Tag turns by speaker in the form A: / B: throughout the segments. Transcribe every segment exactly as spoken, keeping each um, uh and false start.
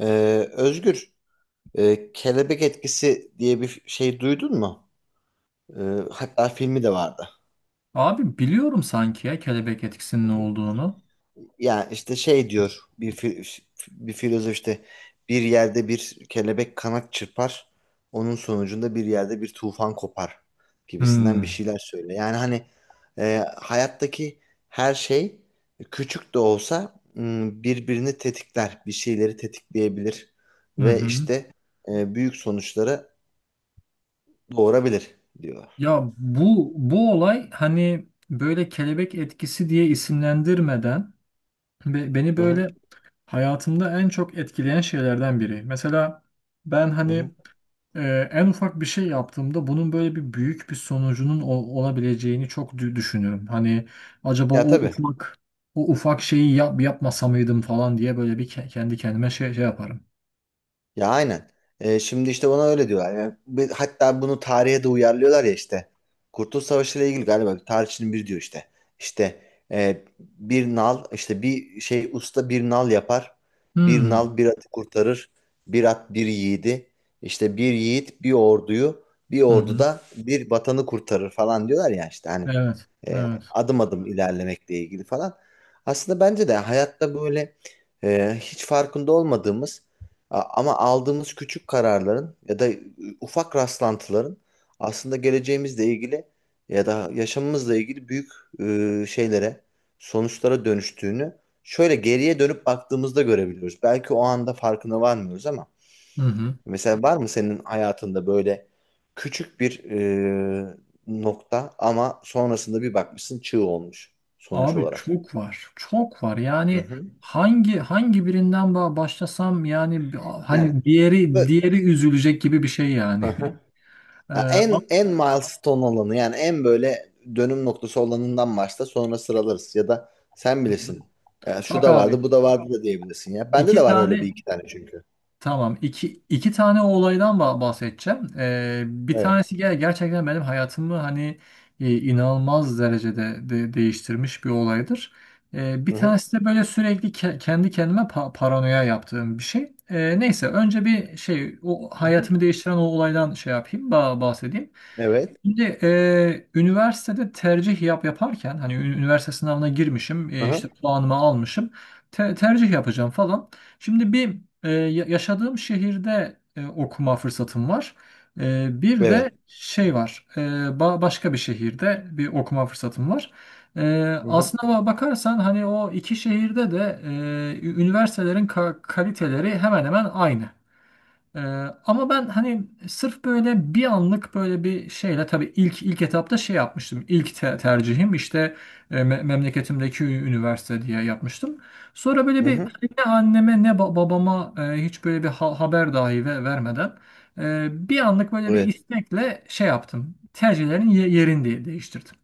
A: Ee, Özgür, e, Kelebek Etkisi diye bir şey duydun mu? Ee, hatta filmi de vardı.
B: Abi biliyorum sanki ya kelebek
A: Hı
B: etkisinin ne
A: hı.
B: olduğunu.
A: Yani işte şey diyor bir fi- bir filozof işte bir yerde bir kelebek kanat çırpar, onun sonucunda bir yerde bir tufan kopar gibisinden bir
B: Hmm.
A: şeyler söyle. Yani hani e, hayattaki her şey küçük de olsa m, birbirini tetikler, bir şeyleri tetikleyebilir
B: Hı
A: ve
B: hı.
A: işte e, büyük sonuçlara doğurabilir diyorlar.
B: Ya bu bu olay hani böyle kelebek etkisi diye isimlendirmeden be- beni
A: Hı hı.
B: böyle hayatımda en çok etkileyen şeylerden biri. Mesela ben
A: Hı
B: hani
A: hı.
B: e, en ufak bir şey yaptığımda bunun böyle bir büyük bir sonucunun ol- olabileceğini çok dü- düşünürüm. Hani acaba
A: Ya
B: o
A: tabii.
B: ufak o ufak şeyi yap yapmasa mıydım falan diye böyle bir ke- kendi kendime şey, şey yaparım.
A: Ya aynen. Ee, şimdi işte ona öyle diyorlar. Yani bir- hatta bunu tarihe de uyarlıyorlar ya işte. Kurtuluş Savaşı ile ilgili galiba bir tarihçinin biri diyor işte. İşte e, bir nal işte bir şey usta bir nal yapar. Bir
B: Hmm.
A: nal bir atı kurtarır. Bir at bir yiğidi. İşte bir yiğit bir orduyu bir
B: Hı
A: ordu
B: hı.
A: da bir vatanı kurtarır falan diyorlar ya işte hani
B: Evet,
A: e,
B: evet.
A: adım adım ilerlemekle ilgili falan. Aslında bence de hayatta böyle e, hiç farkında olmadığımız A- ama aldığımız küçük kararların ya da ıı, ufak rastlantıların aslında geleceğimizle ilgili ya da yaşamımızla ilgili büyük e, şeylere, sonuçlara dönüştüğünü şöyle geriye dönüp baktığımızda görebiliyoruz. Belki o anda farkına varmıyoruz ama
B: Hı hı.
A: mesela var mı senin hayatında böyle küçük bir e, nokta ama sonrasında bir bakmışsın çığ olmuş sonuç
B: Abi
A: olarak?
B: çok var, çok var.
A: Hı
B: Yani
A: hı.
B: hangi hangi birinden ba- başlasam yani bi-
A: Yani
B: hani diğeri
A: böyle...
B: diğeri üzülecek gibi bir şey yani. Ee,
A: Ya
B: ama-
A: en en milestone olanı yani en böyle dönüm noktası olanından başla, sonra sıralarız ya da sen bilirsin. Ya şu
B: Bak
A: da
B: abi,
A: vardı, bu da vardı da diyebilirsin ya. Bende de
B: iki
A: var öyle bir
B: tane
A: iki tane çünkü.
B: Tamam. İki, iki tane o olaydan ba- bahsedeceğim. Ee, bir
A: Evet.
B: tanesi ger- gerçekten benim hayatımı hani e, inanılmaz derecede de- değiştirmiş bir olaydır. Ee, bir
A: Hı hı.
B: tanesi de böyle sürekli ke- kendi kendime pa- paranoya yaptığım bir şey. Ee, neyse önce bir şey o
A: Hı hı.
B: hayatımı değiştiren o olaydan şey yapayım ba- bahsedeyim.
A: Evet.
B: Şimdi e, üniversitede tercih yap yaparken hani ü- üniversite sınavına girmişim
A: Hı
B: e, işte
A: hı.
B: puanımı almışım te- tercih yapacağım falan. Şimdi bir e, ya- yaşadığım şehirde e, okuma fırsatım var. E, bir de
A: Evet.
B: şey var e, ba- başka bir şehirde bir okuma fırsatım var. E,
A: Hı hı.
B: aslına ba- bakarsan hani o iki şehirde de e, ü- üniversitelerin ka- kaliteleri hemen hemen aynı. Ee, ama ben hani sırf böyle bir anlık böyle bir şeyle tabii ilk ilk etapta şey yapmıştım. İlk te- tercihim işte e, me- memleketimdeki ü- üniversite diye yapmıştım. Sonra böyle
A: Hı
B: bir
A: hı.
B: hani ne anneme ne ba- babama e, hiç böyle bir ha- haber dahi ve vermeden e, bir anlık böyle bir
A: Evet.
B: istekle şey yaptım. Tercihlerin ye- yerini de- değiştirdim.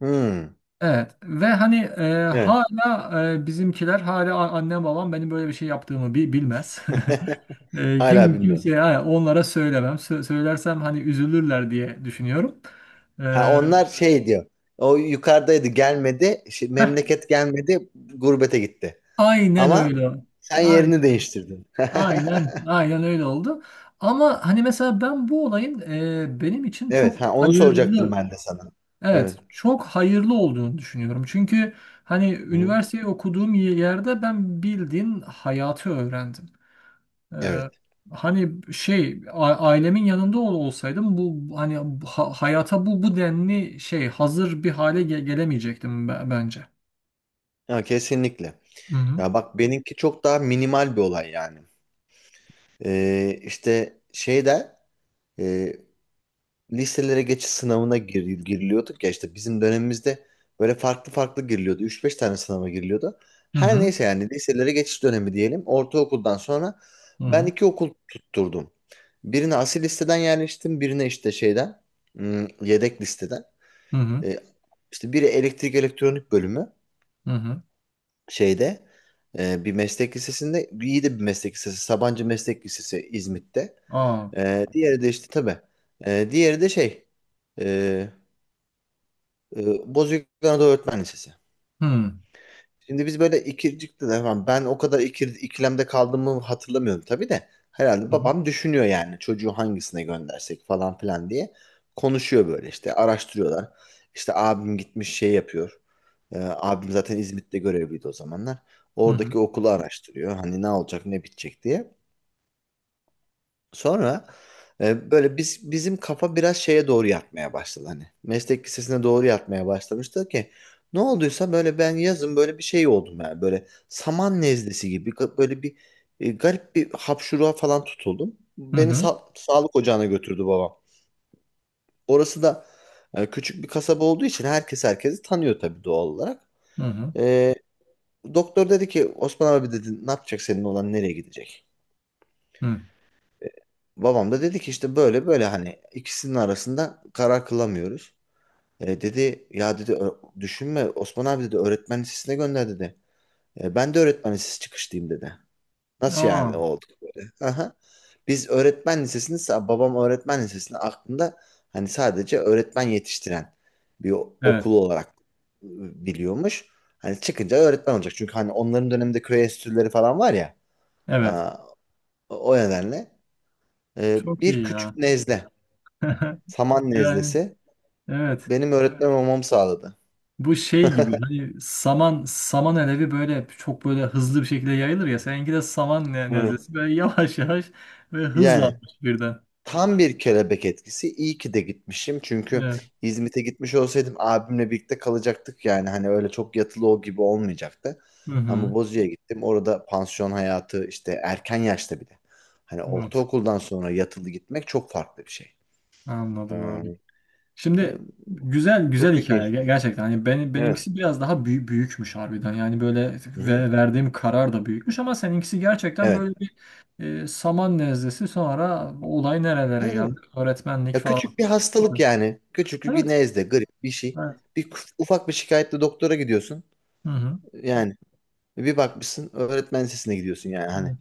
A: Hmm.
B: Evet ve hani e,
A: Evet.
B: hala e, bizimkiler hala a- annem babam benim böyle bir şey yaptığımı bi- bilmez. E,
A: Hala
B: kim
A: bilmiyorum.
B: kimseye ha, onlara söylemem. Sö- söylersem hani üzülürler diye düşünüyorum. E,
A: Ha, onlar şey diyor. O yukarıdaydı, gelmedi. Şey, memleket gelmedi, gurbete gitti.
B: aynen
A: Ama
B: öyle.
A: sen
B: Aynen,
A: yerini değiştirdin.
B: aynen, aynen öyle oldu. Ama hani mesela ben bu olayın e, benim için çok
A: Evet, ha onu soracaktım
B: hayırlı,
A: ben de sana.
B: evet,
A: Evet.
B: çok hayırlı olduğunu düşünüyorum. Çünkü hani
A: Hı.
B: üniversiteyi okuduğum yerde ben bildiğin hayatı öğrendim.
A: Evet.
B: Ee, hani şey a- ailemin yanında ol, olsaydım bu bu- hani ha- hayata bu bu denli şey hazır bir hale ge- gelemeyecektim be- bence.
A: Ya kesinlikle.
B: Hı hı.
A: Ya bak, benimki çok daha minimal bir olay yani. Ee, işte şeyde, e, liselere geçiş sınavına gir, giriliyorduk ya işte bizim dönemimizde, böyle farklı farklı giriliyordu. Üç beş tane sınava giriliyordu.
B: Hı
A: Her
B: hı.
A: neyse, yani liselere geçiş dönemi diyelim. Ortaokuldan sonra
B: Hı
A: ben
B: hı.
A: iki okul tutturdum. Birine asil listeden yerleştim, birine işte şeyden, hmm, yedek listeden.
B: Hı hı.
A: E, işte biri elektrik elektronik bölümü
B: Hı hı.
A: şeyde, e, bir meslek lisesinde, iyi de bir meslek lisesi, Sabancı Meslek Lisesi İzmit'te.
B: Aa.
A: E, diğeri de işte tabii. E, diğeri de şey, e, e, Bozüyük Anadolu Öğretmen Lisesi.
B: Hı.
A: Şimdi biz böyle ikircikti de falan. Ben o kadar ikir, ikilemde kaldığımı hatırlamıyorum tabii de. Herhalde
B: Hı hı.
A: babam düşünüyor, yani çocuğu hangisine göndersek falan filan diye. Konuşuyor böyle, işte araştırıyorlar. İşte abim gitmiş şey yapıyor. Ee, abim zaten İzmit'te görevliydi o zamanlar.
B: Hı hı.
A: Oradaki okulu araştırıyor. Hani ne olacak ne bitecek diye. Sonra e, böyle biz bizim kafa biraz şeye doğru yatmaya başladı hani. Meslek lisesine doğru yatmaya başlamıştı ki ne olduysa böyle, ben yazın böyle bir şey oldum, yani böyle saman nezlesi gibi ga- böyle bir e, garip bir hapşuruğa falan tutuldum.
B: Hı
A: Beni
B: hı.
A: sa- sağlık ocağına götürdü babam. Orası da e, küçük bir kasaba olduğu için herkes herkesi tanıyor tabii, doğal olarak.
B: Hı hı.
A: E, doktor dedi ki, Osman abi dedi, ne yapacak senin olan, nereye gidecek?
B: Hı.
A: Babam da dedi ki, işte böyle böyle, hani ikisinin arasında karar kılamıyoruz. E, dedi ya, dedi: "ö- düşünme Osman abi, dedi, öğretmen lisesine gönder, dedi. "E, ben de öğretmen lisesi çıkışlıyım," dedi. Nasıl yani
B: Aa.
A: olduk böyle? Aha. Biz öğretmen lisesini sa- babam öğretmen lisesini aklında, hani sadece öğretmen yetiştiren bir o-
B: Evet.
A: okulu olarak e, biliyormuş. Hani çıkınca öğretmen olacak. Çünkü hani onların döneminde köy enstitüleri falan var ya.
B: Evet.
A: Aa, o o nedenle e,
B: Çok
A: bir
B: iyi
A: küçük
B: ya.
A: nezle, saman
B: Yani
A: nezlesi
B: evet.
A: benim öğretmen olmamı sağladı.
B: Bu şey gibi hani saman saman alevi böyle çok böyle hızlı bir şekilde yayılır ya. Seninki de saman ne-
A: Evet.
B: nezlesi böyle yavaş yavaş ve
A: Yani
B: hızlanmış birden.
A: tam bir kelebek etkisi. İyi ki de gitmişim. Çünkü
B: Evet.
A: İzmit'e gitmiş olsaydım abimle birlikte kalacaktık. Yani hani öyle çok yatılı o gibi olmayacaktı.
B: Hı hı.
A: Ama Bozüyük'e gittim. Orada pansiyon hayatı işte, erken yaşta bile. Hani
B: Evet.
A: ortaokuldan sonra yatılı gitmek çok farklı bir şey. Ee,
B: Anladım abi.
A: e,
B: Şimdi güzel güzel
A: çok büyük
B: hikaye Ger-
A: değişiklik.
B: gerçekten. Hani benim
A: Evet.
B: benimkisi biraz daha büyük büyükmüş harbiden. Yani böyle
A: Hı hı.
B: ve verdiğim karar da büyükmüş ama seninkisi gerçekten
A: Evet.
B: böyle
A: Evet.
B: bir e, saman nezlesi sonra olay nerelere geldi?
A: Evet.
B: Öğretmenlik
A: Ya
B: falan.
A: küçük bir hastalık
B: Süper.
A: yani. Küçük bir
B: Evet.
A: nezle, grip bir şey.
B: Evet.
A: Bir kuf- ufak bir şikayetle doktora gidiyorsun.
B: Hı hı.
A: Yani bir bakmışsın öğretmen sesine gidiyorsun yani, hani.
B: Evet.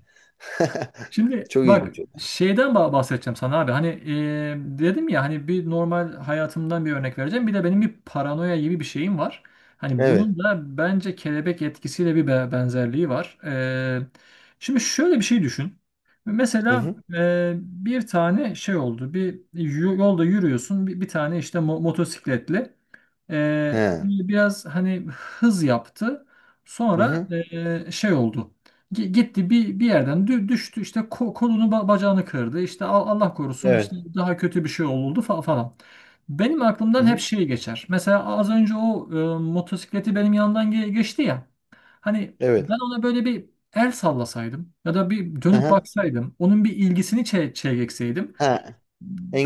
B: Şimdi
A: Çok
B: bak
A: ilginç.
B: şeyden bah- bahsedeceğim sana abi. Hani e, dedim ya hani bir normal hayatımdan bir örnek vereceğim. Bir de benim bir paranoya gibi bir şeyim var. Hani
A: Evet.
B: bunun da bence kelebek etkisiyle bir be- benzerliği var. E, şimdi şöyle bir şey düşün.
A: Hı
B: Mesela
A: hı.
B: e, bir tane şey oldu. Bir y- yolda yürüyorsun. Bir, bir tane işte mo- motosikletli. Ee,
A: He.
B: böyle biraz hani hız yaptı.
A: Hı
B: Sonra
A: hı.
B: ee, şey oldu. G- gitti bir bir yerden dü- düştü işte ko- kolunu ba- bacağını kırdı. İşte Al- Allah korusun işte
A: Evet.
B: daha kötü bir şey oldu fa- falan. Benim
A: Hı
B: aklımdan hep
A: hı.
B: şey geçer. Mesela az önce o e, motosikleti benim yandan ge- geçti ya. Hani ben
A: Evet.
B: ona böyle bir el sallasaydım ya da bir
A: Hı
B: dönüp
A: hı.
B: baksaydım, onun bir ilgisini çe çekseydim
A: Ha.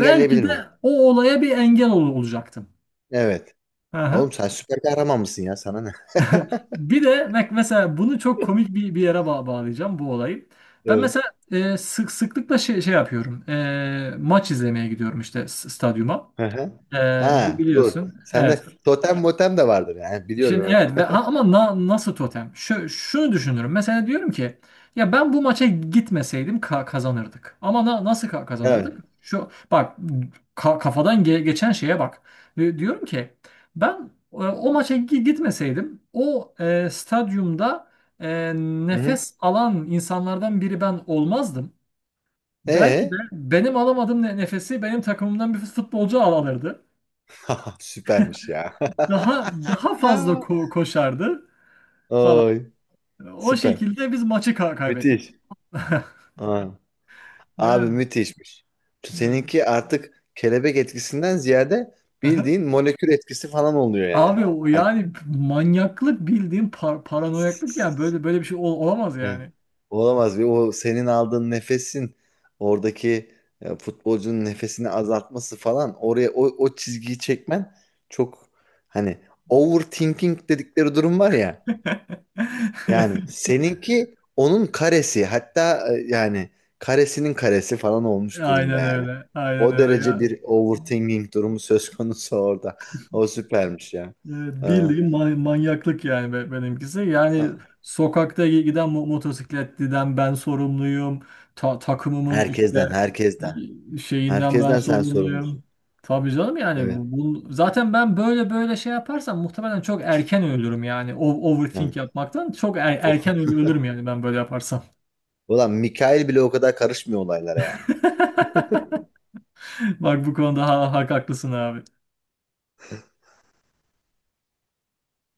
B: belki de
A: miyim?
B: o olaya bir engel ol olacaktım.
A: Evet.
B: Aha.
A: Oğlum, sen süper kahraman mısın ya? Sana ne?
B: Bir de bak mesela bunu çok komik bir, bir yere ba- bağlayacağım bu olayı. Ben
A: Evet.
B: mesela e, sık sıklıkla şey, şey yapıyorum. E, maç izlemeye gidiyorum işte s- stadyuma.
A: Hı hı.
B: E, bi-
A: Ha, dur.
B: biliyorsun.
A: Sende
B: Evet
A: totem motem de vardır yani.
B: Şimdi
A: Biliyorum,
B: evet ve
A: evet.
B: ha- ama na- nasıl totem? Şu, şunu düşünürüm. Mesela diyorum ki ya ben bu maça gitmeseydim ka- kazanırdık. Ama na- nasıl ka-
A: Evet.
B: kazanırdık? Şu bak ka- kafadan ge- geçen şeye bak. Di- diyorum ki ben e, o maça gi- gitmeseydim o e, stadyumda e,
A: Hı hı.
B: nefes alan insanlardan biri ben olmazdım. Belki de
A: Ee?
B: benim alamadığım ne- nefesi benim takımımdan bir futbolcu al- alırdı.
A: Süpermiş ya.
B: Daha daha fazla ko- koşardı.
A: Ay,
B: O
A: süper.
B: şekilde biz maçı ka- kaybettik.
A: Müthiş. Aa, abi
B: Yani,
A: müthişmiş.
B: yani.
A: Seninki artık kelebek etkisinden ziyade
B: Aha.
A: bildiğin molekül etkisi falan oluyor yani.
B: Abi o
A: Hani,
B: yani manyaklık bildiğin par- paranoyaklık yani böyle böyle bir şey ol- olamaz
A: evet.
B: yani.
A: Olamaz. Bir o senin aldığın nefesin, oradaki e, futbolcunun nefesini azaltması falan, oraya o, o çizgiyi çekmen, çok hani overthinking dedikleri durum var ya. Yani seninki onun karesi, hatta e, yani karesinin karesi falan olmuş durumda
B: Aynen
A: yani.
B: öyle. Aynen
A: O
B: öyle
A: derece
B: ya.
A: bir overthinking durumu söz konusu orada. O süpermiş ya.
B: E,
A: Ee,
B: Bildiğin ma- manyaklık yani be- benimkisi. Yani
A: a-
B: sokakta giden mo- motosikletliden ben sorumluyum. Ta- takımımın işte
A: herkesten, herkesten.
B: şeyinden ben
A: Herkesten sen sorumlusun.
B: sorumluyum. Tabii canım yani
A: Evet.
B: bu- bu- zaten ben böyle böyle şey yaparsam muhtemelen çok erken ölürüm yani. O- overthink
A: Yani.
B: yapmaktan çok er-
A: o-
B: erken öl- ölürüm yani ben böyle yaparsam.
A: Ulan Mikail bile o kadar karışmıyor olaylara yani.
B: Bak bu konuda ha- hak haklısın abi.